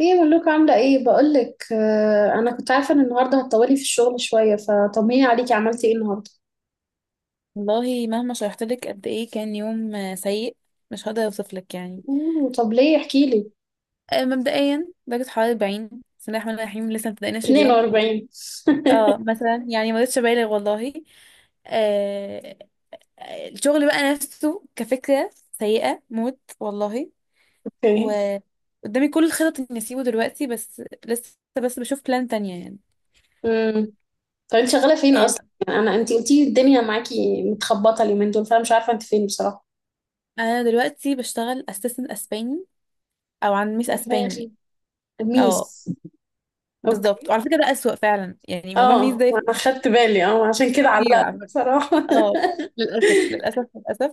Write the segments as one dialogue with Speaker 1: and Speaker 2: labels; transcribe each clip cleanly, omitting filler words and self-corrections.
Speaker 1: ايه ملوك، عاملة ايه؟ بقولك، انا كنت عارفة ان النهاردة هتطولي في الشغل شوية. فطمني عليكي، عملتي ايه النهاردة؟
Speaker 2: والله مهما شرحت لك قد ايه كان يوم سيء. مش هقدر اوصف لك يعني.
Speaker 1: أوه، طب ليه؟ احكيلي.
Speaker 2: مبدئيا درجة حرارة 40. بسم الله الرحمن الرحيم، لسه مبدأناش اليوم.
Speaker 1: 42.
Speaker 2: اه مثلا يعني ما رضيتش ابالغ والله. آه. الشغل بقى نفسه كفكرة سيئة موت والله.
Speaker 1: اوكي.
Speaker 2: وقدامي كل الخطط اني اسيبه دلوقتي بس لسه. بس بشوف بلان تانية يعني.
Speaker 1: امم طب انت شغالة فين اصلا؟
Speaker 2: آه
Speaker 1: يعني انت قلتي الدنيا معاكي متخبطة اليومين دول، فانا مش عارفة انت فين بصراحة.
Speaker 2: انا دلوقتي بشتغل اسيستنت اسباني، او عن ميس
Speaker 1: يا دماغي.
Speaker 2: اسباني. اه
Speaker 1: ميس.
Speaker 2: بالظبط،
Speaker 1: اوكي.
Speaker 2: وعلى فكرة ده اسوأ فعلا يعني، موضوع ميس
Speaker 1: اه
Speaker 2: ده
Speaker 1: انا خدت بالي، عشان كده
Speaker 2: كتير
Speaker 1: علقت
Speaker 2: على فكرة.
Speaker 1: بصراحة.
Speaker 2: اه للأسف، للأسف، للأسف.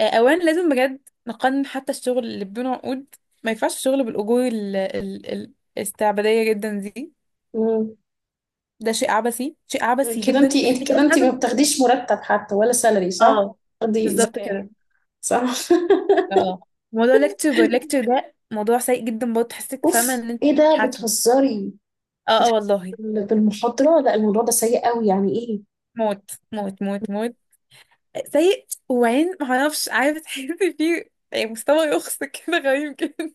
Speaker 2: أولا لازم بجد نقنن حتى الشغل اللي بدون عقود. ما ينفعش الشغل بالأجور الاستعبادية جدا دي.
Speaker 1: مم.
Speaker 2: ده شيء عبثي، شيء عبثي
Speaker 1: كده
Speaker 2: جدا،
Speaker 1: انت انت
Speaker 2: دي
Speaker 1: كده
Speaker 2: أكتر
Speaker 1: انت ما
Speaker 2: حاجة.
Speaker 1: بتاخديش مرتب حتى ولا سالري، صح؟
Speaker 2: اه،
Speaker 1: دي
Speaker 2: بالظبط
Speaker 1: زكاة.
Speaker 2: كده.
Speaker 1: صح؟
Speaker 2: اه موضوع ليكتشر باي ليكتشر ده موضوع سيء جدا برضه، تحسك فاهمة
Speaker 1: اوف،
Speaker 2: إن أنت
Speaker 1: ايه ده؟
Speaker 2: بتتحكم.
Speaker 1: بتهزري؟
Speaker 2: اه، اه،
Speaker 1: بتحسي
Speaker 2: والله.
Speaker 1: بالمحاضرة؟ لا، الموضوع ده سيء قوي، يعني ايه.
Speaker 2: موت. موت، موت، موت. سيء. وبعدين معرفش، عارفة تحسي فيه يعني مستوى يخص كده غريب جدا.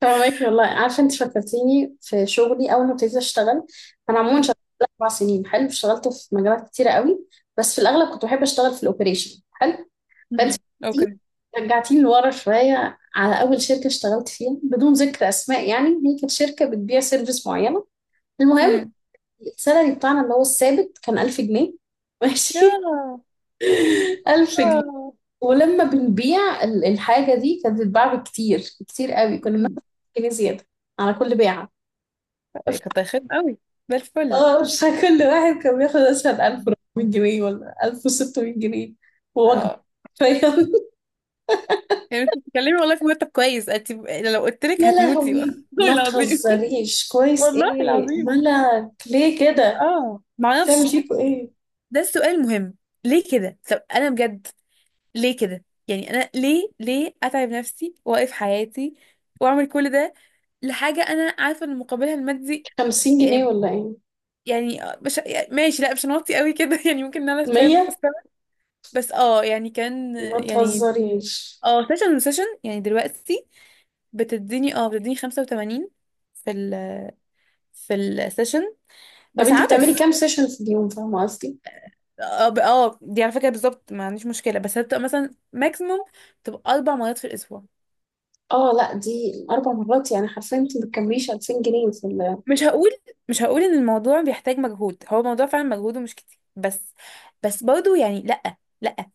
Speaker 1: فاهمك، والله عارفة. انت فكرتيني في شغلي اول ما ابتديت اشتغل. انا عموما
Speaker 2: مم.
Speaker 1: شغلت 4 سنين. حلو، اشتغلت في مجالات كتيرة قوي. بس في الاغلب كنت بحب اشتغل في الاوبريشن. حلو. فانت
Speaker 2: مم. اوكي.
Speaker 1: رجعتيني لورا شوية على اول شركة اشتغلت فيها، بدون ذكر اسماء، يعني هي كانت شركة بتبيع سيرفيس معينة. المهم،
Speaker 2: امم.
Speaker 1: السالري بتاعنا اللي هو الثابت كان 1000 جنيه. ماشي.
Speaker 2: ياه.
Speaker 1: 1000 جنيه.
Speaker 2: آه.
Speaker 1: ولما بنبيع الحاجة دي، كانت بتتباع بكتير. كتير قوي. كنا
Speaker 2: مم.
Speaker 1: بناخد جنيه زيادة على كل بيعة. ف-
Speaker 2: كنت هيخدم قوي، ده الفل.
Speaker 1: اه مش كل واحد كان بياخد مثلا
Speaker 2: مم.
Speaker 1: 1400 جنيه ولا 1600 جنيه ووجبة.
Speaker 2: اه
Speaker 1: فاهم؟
Speaker 2: يعني مش بتتكلمي والله في مرتب كويس انت، لو قلت لك
Speaker 1: يا
Speaker 2: هتموتي
Speaker 1: لهوي،
Speaker 2: والله
Speaker 1: ما
Speaker 2: العظيم.
Speaker 1: تهزريش كويس.
Speaker 2: والله
Speaker 1: ايه
Speaker 2: العظيم.
Speaker 1: مالك؟ ليه كده؟
Speaker 2: اه
Speaker 1: تعمل
Speaker 2: معرفش.
Speaker 1: فيكوا ايه؟
Speaker 2: ده السؤال المهم. ليه كده؟ طب انا بجد ليه كده؟ يعني انا ليه اتعب نفسي واقف حياتي واعمل كل ده لحاجه انا عارفه ان مقابلها المادي
Speaker 1: 50 جنيه
Speaker 2: يعني.
Speaker 1: ولا ايه؟
Speaker 2: يعني مش يعني، ماشي، لا مش هنوطي قوي كده يعني ممكن ان انا شايف.
Speaker 1: 100.
Speaker 2: بس يعني كان
Speaker 1: ما
Speaker 2: يعني
Speaker 1: تهزريش.
Speaker 2: اه سيشن وسيشن. يعني دلوقتي بتديني 85 في ال، في السيشن
Speaker 1: طب
Speaker 2: بس
Speaker 1: انت بتعملي
Speaker 2: عبس.
Speaker 1: كام سيشن في اليوم؟ فاهمة قصدي.
Speaker 2: دي على فكرة بالظبط ما عنديش مشكلة، بس هتبقى مثلا ماكسيموم تبقى 4 مرات في الأسبوع.
Speaker 1: اه لا، دي 4 مرات، يعني حرفيا انت ما بتكمليش 2000 جنيه في ال...
Speaker 2: مش هقول مش هقول إن الموضوع بيحتاج مجهود، هو الموضوع فعلا مجهوده مش كتير، بس برضه يعني، لأ، لأ.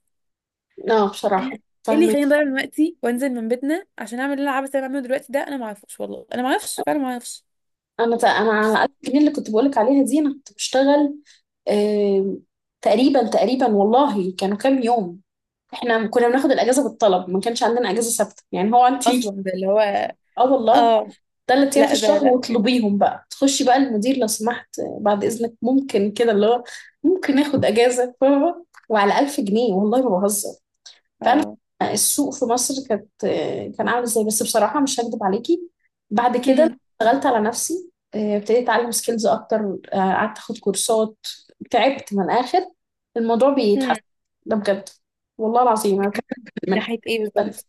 Speaker 1: اه
Speaker 2: أنا،
Speaker 1: بصراحه.
Speaker 2: ايه اللي
Speaker 1: فاهمك.
Speaker 2: يخليني اضيع من وقتي وانزل من بيتنا عشان اعمل اللي انا عبس اللي أنا بعمله دلوقتي ده؟ انا ما اعرفش والله، انا ما اعرفش فعلا، ما اعرفش.
Speaker 1: انا على 1000 جنيه اللي كنت بقولك عليها دي انا كنت بشتغل. آه... تقريبا تقريبا، والله كانوا كام يوم؟ احنا كنا بناخد الاجازه بالطلب، ما كانش عندنا اجازه ثابته، يعني هو انت...
Speaker 2: اصلا ده اللي هو،
Speaker 1: اه، والله.
Speaker 2: اه،
Speaker 1: 3 ايام في
Speaker 2: لا ده
Speaker 1: الشهر
Speaker 2: لا.
Speaker 1: واطلبيهم بقى، تخشي بقى المدير لو سمحت، بعد اذنك ممكن كده اللي هو ممكن ناخد اجازه؟ فاهمة؟ وعلى 1000 جنيه، والله ما بهزر. فانا،
Speaker 2: اه.
Speaker 1: السوق في مصر كانت... كان عامل ازاي بس، بصراحه مش هكدب عليكي. بعد كده
Speaker 2: هم.
Speaker 1: اشتغلت على نفسي، ابتديت اتعلم سكيلز اكتر. قعدت اخد كورسات. تعبت من الاخر. الموضوع
Speaker 2: هم.
Speaker 1: بيتحسن، ده بجد. والله العظيم انا بتكلم
Speaker 2: من
Speaker 1: من حاجه
Speaker 2: ناحية ايه
Speaker 1: مختلفه.
Speaker 2: بالظبط؟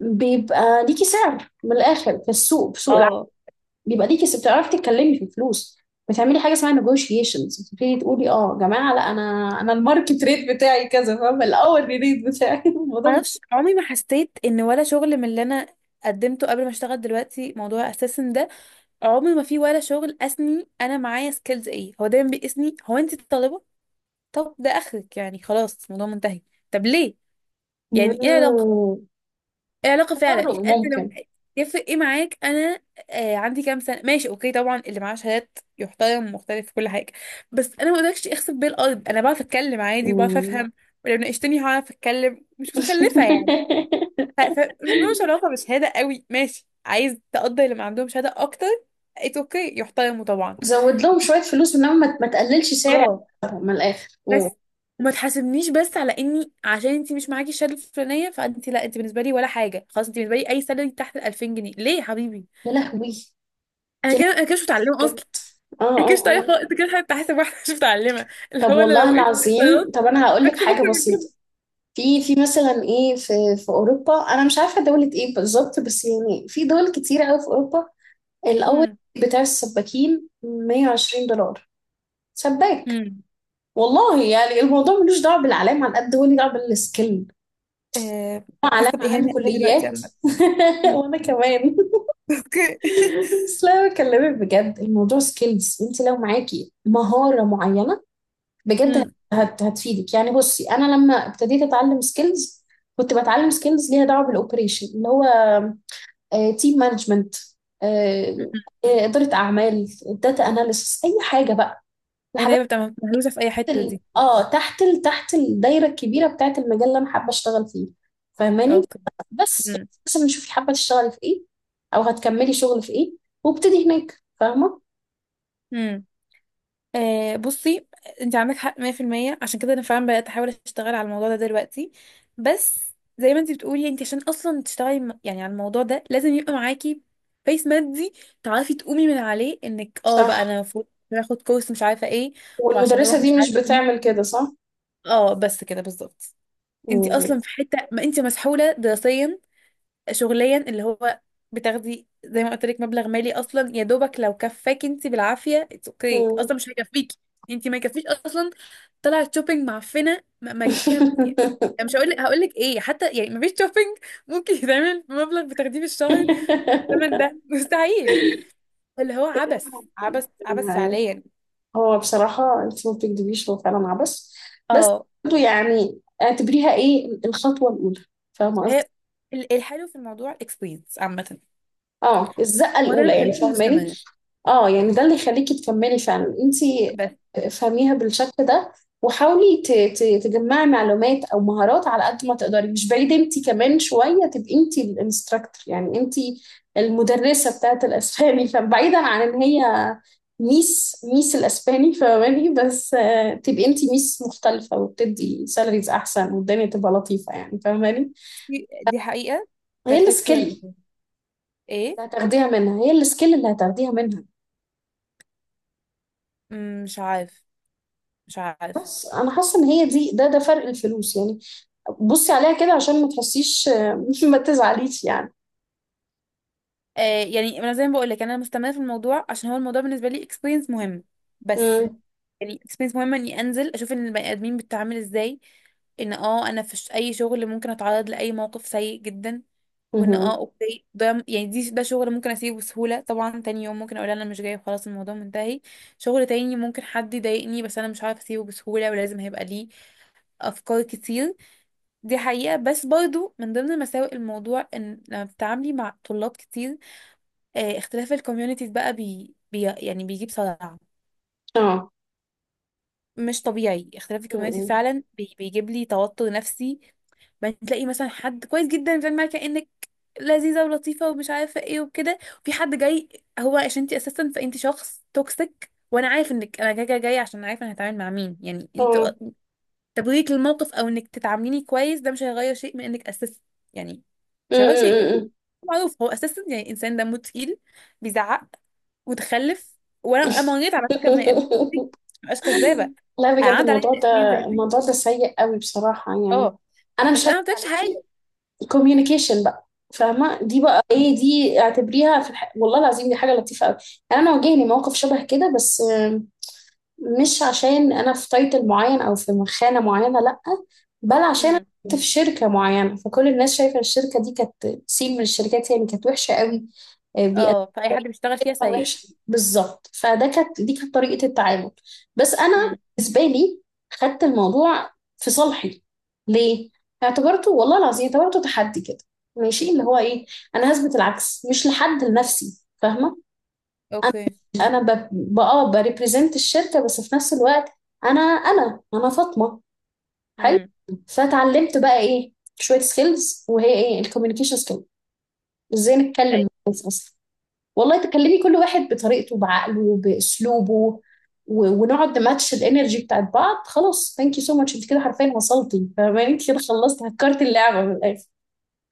Speaker 1: بيبقى ليكي سعر من الاخر في السوق، في سوق العمل.
Speaker 2: اه
Speaker 1: بيبقى ليكي بتعرفي تتكلمي في الفلوس. بتعملي حاجه اسمها negotiations، بتبتدي تقولي يا جماعه، لا انا، انا الماركت ريت بتاعي كذا، فاهمه. الاول ريت بتاعي.
Speaker 2: ما
Speaker 1: الموضوع.
Speaker 2: اعرفش. عمري ما حسيت ان ولا شغل من اللي انا قدمته قبل ما اشتغل دلوقتي موضوع اساسا ده. عمري ما في ولا شغل قاسني، انا معايا سكيلز ايه؟ هو دايما بيقيسني هو انت طالبة، طب ده اخرك يعني، خلاص الموضوع منتهي. طب ليه؟ يعني ايه علاقة؟
Speaker 1: مم.
Speaker 2: العلاقة فعلا يعني
Speaker 1: تفرغ
Speaker 2: انت لما،
Speaker 1: ممكن.
Speaker 2: يفرق ايه معاك انا عندي كام سنة؟ ماشي اوكي، طبعا اللي معاه شهادات يحترم، مختلف في كل حاجة، بس انا ما اقدرش اخسف بيه الارض. انا بعرف اتكلم عادي وبعرف
Speaker 1: مم.
Speaker 2: افهم، ولو ناقشتني هعرف اتكلم، مش متخلفة يعني. فالموضوع مش علاقة بشهادة قوي، ماشي عايز تقدر اللي ما عندهم شهادة اكتر، اتس اوكي، يحترموا طبعا.
Speaker 1: زود لهم شوية فلوس، انما ما تقللش سعري.
Speaker 2: اه،
Speaker 1: من الآخر.
Speaker 2: بس
Speaker 1: أوه.
Speaker 2: وما تحاسبنيش بس على اني عشان انت مش معاكي الشهاده الفلانيه فانت، لا انت بالنسبه لي ولا حاجه، خلاص انت بالنسبه لي اي سالري تحت ال 2000 جنيه، ليه يا حبيبي؟
Speaker 1: يا لهوي.
Speaker 2: انا
Speaker 1: يا
Speaker 2: كده، انا كده مش
Speaker 1: لهوي.
Speaker 2: متعلمه
Speaker 1: بجد.
Speaker 2: اصلا.
Speaker 1: اه،
Speaker 2: انا كده مش
Speaker 1: اه،
Speaker 2: متعلمه
Speaker 1: اه.
Speaker 2: خالص. انت كده حتى حاسب واحده مش متعلمه، اللي
Speaker 1: طب
Speaker 2: هو انا لو
Speaker 1: والله
Speaker 2: وقفت اتصالات
Speaker 1: العظيم، طب انا هقول لك
Speaker 2: هكسب
Speaker 1: حاجة
Speaker 2: اكتر من
Speaker 1: بسيطة.
Speaker 2: كده.
Speaker 1: في مثلا ايه في... في اوروبا، انا مش عارفة دولة ايه بالظبط بس يعني في دول كتيرة قوي في اوروبا. الاول
Speaker 2: امم.
Speaker 1: بتاع السباكين 120 دولار. سباك.
Speaker 2: امم.
Speaker 1: والله يعني الموضوع ملوش دعوة بالعلام، على قد هو ليه دعوة بالسكيل.
Speaker 2: آه، حاسه
Speaker 1: علام علام
Speaker 2: باهانه قوي دلوقتي
Speaker 1: كليات.
Speaker 2: عامه امم.
Speaker 1: وانا كمان.
Speaker 2: اوكي.
Speaker 1: بس لا، أنا بكلمك بجد، الموضوع سكيلز. انت لو معاكي مهارة معينة، بجد
Speaker 2: امم.
Speaker 1: هتفيدك. يعني بصي، انا لما ابتديت اتعلم سكيلز، كنت بتعلم سكيلز ليها دعوة بالاوبريشن اللي هو تيم مانجمنت،
Speaker 2: أمم.
Speaker 1: إدارة اعمال، داتا اناليسس، اي حاجة بقى.
Speaker 2: هي تقريبا بتبقى مهروسه في اي حته
Speaker 1: ال...
Speaker 2: دي.
Speaker 1: اه تحت ال... تحت الدايره الكبيره بتاعه المجال اللي انا حابه اشتغل فيه. فاهماني؟
Speaker 2: اوكي.
Speaker 1: بس مثلا شوفي حابه تشتغلي في ايه، او هتكملي شغل في ايه، وابتدي هناك. فاهمه؟
Speaker 2: امم. بصي، انت عندك حق 100%، عشان كده انا فعلا بدات احاول اشتغل على الموضوع ده دلوقتي. بس زي ما انت بتقولي، انت عشان اصلا تشتغلي يعني على الموضوع ده لازم يبقى معاكي بيس مادي تعرفي تقومي من عليه، انك بقى انا
Speaker 1: صح.
Speaker 2: المفروض باخد كورس مش عارفه ايه وعشان
Speaker 1: والمدرسة
Speaker 2: اروح مش
Speaker 1: دي مش
Speaker 2: عارفه مين.
Speaker 1: بتعمل كده، صح؟
Speaker 2: اه، بس كده بالظبط. انت
Speaker 1: مم.
Speaker 2: اصلا في حته ما انت مسحوله دراسيا، شغليا، اللي هو بتاخدي زي ما قلت لك مبلغ مالي اصلا يا دوبك لو كفاكي، انت بالعافيه اتس اوكي، اصلا
Speaker 1: مم.
Speaker 2: مش هيكفيكي. انت ما يكفيش اصلا. طلعت شوبينج معفنه ما جبتيها يعني. مش هقول لك، هقول لك ايه حتى يعني، ما فيش شوبينج ممكن يتعمل بمبلغ بتاخديه في الشهر بالثمن ده مستحيل. اللي هو عبث، عبث، عبث
Speaker 1: أيوة.
Speaker 2: فعليا.
Speaker 1: هو بصراحة انت ما بتكدبيش، هو فعلا عبث. بس
Speaker 2: اه.
Speaker 1: برضه يعني اعتبريها ايه، الخطوة الأولى. فاهمة قصدي؟
Speaker 2: هي الحلو في الموضوع الاكسبيرينس عامه،
Speaker 1: اه، الزقه
Speaker 2: هو ده اللي
Speaker 1: الاولى يعني،
Speaker 2: مخليكي
Speaker 1: فاهماني.
Speaker 2: مستمره،
Speaker 1: اه يعني ده اللي يخليكي تكملي فعلا انتي.
Speaker 2: بس
Speaker 1: افهميها بالشكل ده، وحاولي تجمعي معلومات او مهارات على قد ما تقدري. مش بعيد انتي كمان شويه تبقي انتي الانستراكتور، يعني انتي المدرسه بتاعت الاسباني. فبعيدا عن ان هي ميس، ميس الاسباني، فاهماني؟ بس تبقي انتي ميس مختلفه وبتدي سالاريز احسن، والدنيا تبقى لطيفه، يعني فاهماني.
Speaker 2: دي حقيقه.
Speaker 1: هي
Speaker 2: ده فكره.
Speaker 1: السكيل
Speaker 2: ايه.
Speaker 1: اللي هتاخديها منها. هي السكيل اللي هتاخديها منها.
Speaker 2: مش عارف، مش عارف.
Speaker 1: بس انا حاسه ان هي دي ده فرق الفلوس، يعني بصي عليها كده عشان ما تحسيش، ما تزعليش يعني.
Speaker 2: يعني انا زي ما بقول لك انا مستمره في الموضوع عشان هو الموضوع بالنسبه لي اكسبيرينس مهم. بس
Speaker 1: امم.
Speaker 2: يعني اكسبيرينس مهمه اني انزل اشوف ان البني ادمين بتتعامل ازاي، ان انا في اي شغل ممكن اتعرض لاي موقف سيء جدا، وان
Speaker 1: امم.
Speaker 2: اوكي ده يعني دي ده شغل ممكن اسيبه بسهوله طبعا، تاني يوم ممكن اقول انا مش جاي خلاص الموضوع منتهي. شغل تاني ممكن حد يضايقني بس انا مش عارف اسيبه بسهوله، ولازم هيبقى ليه افكار كتير. دي حقيقة، بس برضو من ضمن مساوئ الموضوع ان لما بتتعاملي مع طلاب كتير، اختلاف الكوميونيتيز بقى بي بي يعني بيجيب صداع.
Speaker 1: اه.
Speaker 2: مش طبيعي اختلاف الكوميونيتي
Speaker 1: امم.
Speaker 2: فعلا، بيجيب لي توتر نفسي. بعدين تلاقي مثلا حد كويس جدا بتعمل معاك كأنك لذيذة ولطيفة ومش عارفة ايه وكده، وفي حد جاي هو عشان انت اساسا، فانت شخص توكسيك، وانا عارف انك انا جاي عشان عارفه انا هتعامل مع مين يعني
Speaker 1: اه.
Speaker 2: انت. تبريك للموقف او انك تتعامليني كويس ده مش هيغير شيء من انك اساسا يعني، مش هيغير شيء.
Speaker 1: امم.
Speaker 2: معروف هو اساسا يعني انسان دمه تقيل، بيزعق، متخلف. وانا مريت على فكره بني ادمين كتير، مبقاش كذابه.
Speaker 1: لا
Speaker 2: انا
Speaker 1: بجد،
Speaker 2: عندي عليا
Speaker 1: الموضوع ده،
Speaker 2: تأثيرين زي دي.
Speaker 1: الموضوع ده سيء قوي بصراحه، يعني
Speaker 2: اه،
Speaker 1: انا
Speaker 2: بس
Speaker 1: مش
Speaker 2: انا ما
Speaker 1: هكذب
Speaker 2: قلتلكش
Speaker 1: عليكي.
Speaker 2: حاجه.
Speaker 1: كوميونيكيشن بقى، فاهمه؟ دي بقى ايه؟ دي اعتبريها في والله العظيم دي حاجه لطيفه قوي. يعني انا واجهني موقف شبه كده، بس مش عشان انا في تايتل معين او في مخانه معينه، لا، بل عشان انا
Speaker 2: امم.
Speaker 1: كنت في شركه معينه، فكل الناس شايفه الشركه دي كانت سين من الشركات، يعني كانت وحشه قوي. بيقدمها
Speaker 2: اه، فاي حد بيشتغل فيها سيء.
Speaker 1: وحش بالظبط. فده كانت دي كانت طريقه التعامل. بس انا،
Speaker 2: امم.
Speaker 1: بالنسبه لي، خدت الموضوع في صالحي. ليه؟ اعتبرته، والله العظيم اعتبرته تحدي كده. ماشي، اللي هو ايه، انا هثبت العكس، مش لحد، لنفسي، فاهمه. انا،
Speaker 2: اوكي.
Speaker 1: بريبريزنت الشركه، بس في نفس الوقت انا فاطمه. حلو.
Speaker 2: امم.
Speaker 1: فتعلمت بقى ايه شويه سكيلز، وهي ايه الكوميونيكيشن سكيلز، ازاي نتكلم مع
Speaker 2: طيب.
Speaker 1: الناس اصلا. والله تكلمي كل واحد بطريقته، بعقله، باسلوبه، ونقعد نماتش الانرجي بتاعت بعض. خلاص، ثانك يو سو ماتش، انت كده حرفيا وصلتي، فاهماني؟ انت كده خلصتي، هكرت اللعبه من الاخر.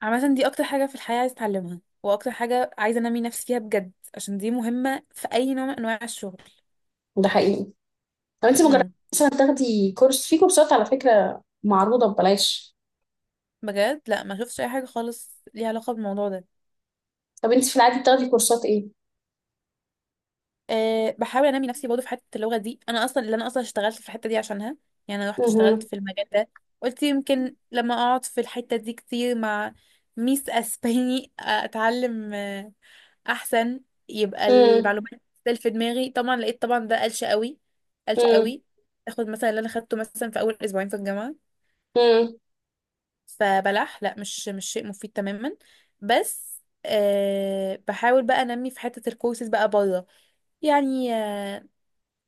Speaker 2: عامه دي اكتر حاجه في الحياه عايزه اتعلمها، واكتر حاجه عايزه انمي نفسي فيها بجد، عشان دي مهمه في اي نوع من انواع الشغل.
Speaker 1: ده حقيقي. طب انت مجرد
Speaker 2: امم.
Speaker 1: مثلا تاخدي كورس، في كورسات على فكره معروضه ببلاش.
Speaker 2: بجد لا، ما شفتش اي حاجه خالص ليها علاقه بالموضوع ده.
Speaker 1: طب انت في العادي بتاخدي كورسات ايه؟
Speaker 2: بحاول انمي نفسي برضه في حته اللغه دي، انا اصلا اللي انا اصلا اشتغلت في الحته دي عشانها. يعني انا رحت اشتغلت
Speaker 1: مهم.
Speaker 2: في المجال ده، قلت يمكن لما اقعد في الحته دي كتير مع ميس اسباني اتعلم احسن، يبقى
Speaker 1: مم.
Speaker 2: المعلومات تسال في دماغي. طبعا لقيت طبعا ده قلش قوي، قلش
Speaker 1: مم.
Speaker 2: قوي. تاخد مثلا اللي انا خدته مثلا في اول أسبوعين في الجامعه
Speaker 1: مم.
Speaker 2: فبلح، لا مش شيء مفيد تماما. بس بحاول بقى انمي في حته الكورسز بقى بره، يعني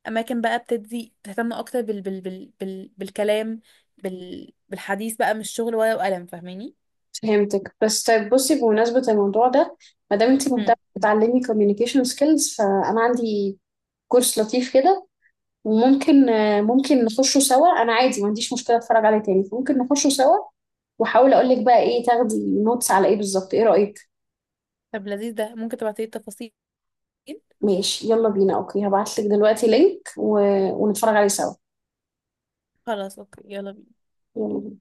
Speaker 2: اماكن بقى بتدي تهتم اكتر بالكلام، بالحديث بقى، مش شغل ورقه وقلم، فاهماني؟
Speaker 1: فهمتك. بس طيب بصي، بمناسبة الموضوع ده، ما دام انت
Speaker 2: مم.
Speaker 1: مهتمة بتعلمي communication skills، فأنا عندي كورس لطيف كده، وممكن آه، ممكن نخشه سوا. أنا عادي، ما عنديش مشكلة أتفرج عليه تاني، فممكن نخشه سوا، وأحاول أقول لك بقى إيه تاخدي نوتس على إيه بالظبط. إيه رأيك؟
Speaker 2: طب لذيذ ده، ممكن تبعتي لي التفاصيل؟
Speaker 1: ماشي، يلا بينا. أوكي، هبعت لك دلوقتي لينك، ونتفرج عليه سوا.
Speaker 2: خلاص اوكي، يلا بينا.
Speaker 1: يلا بينا.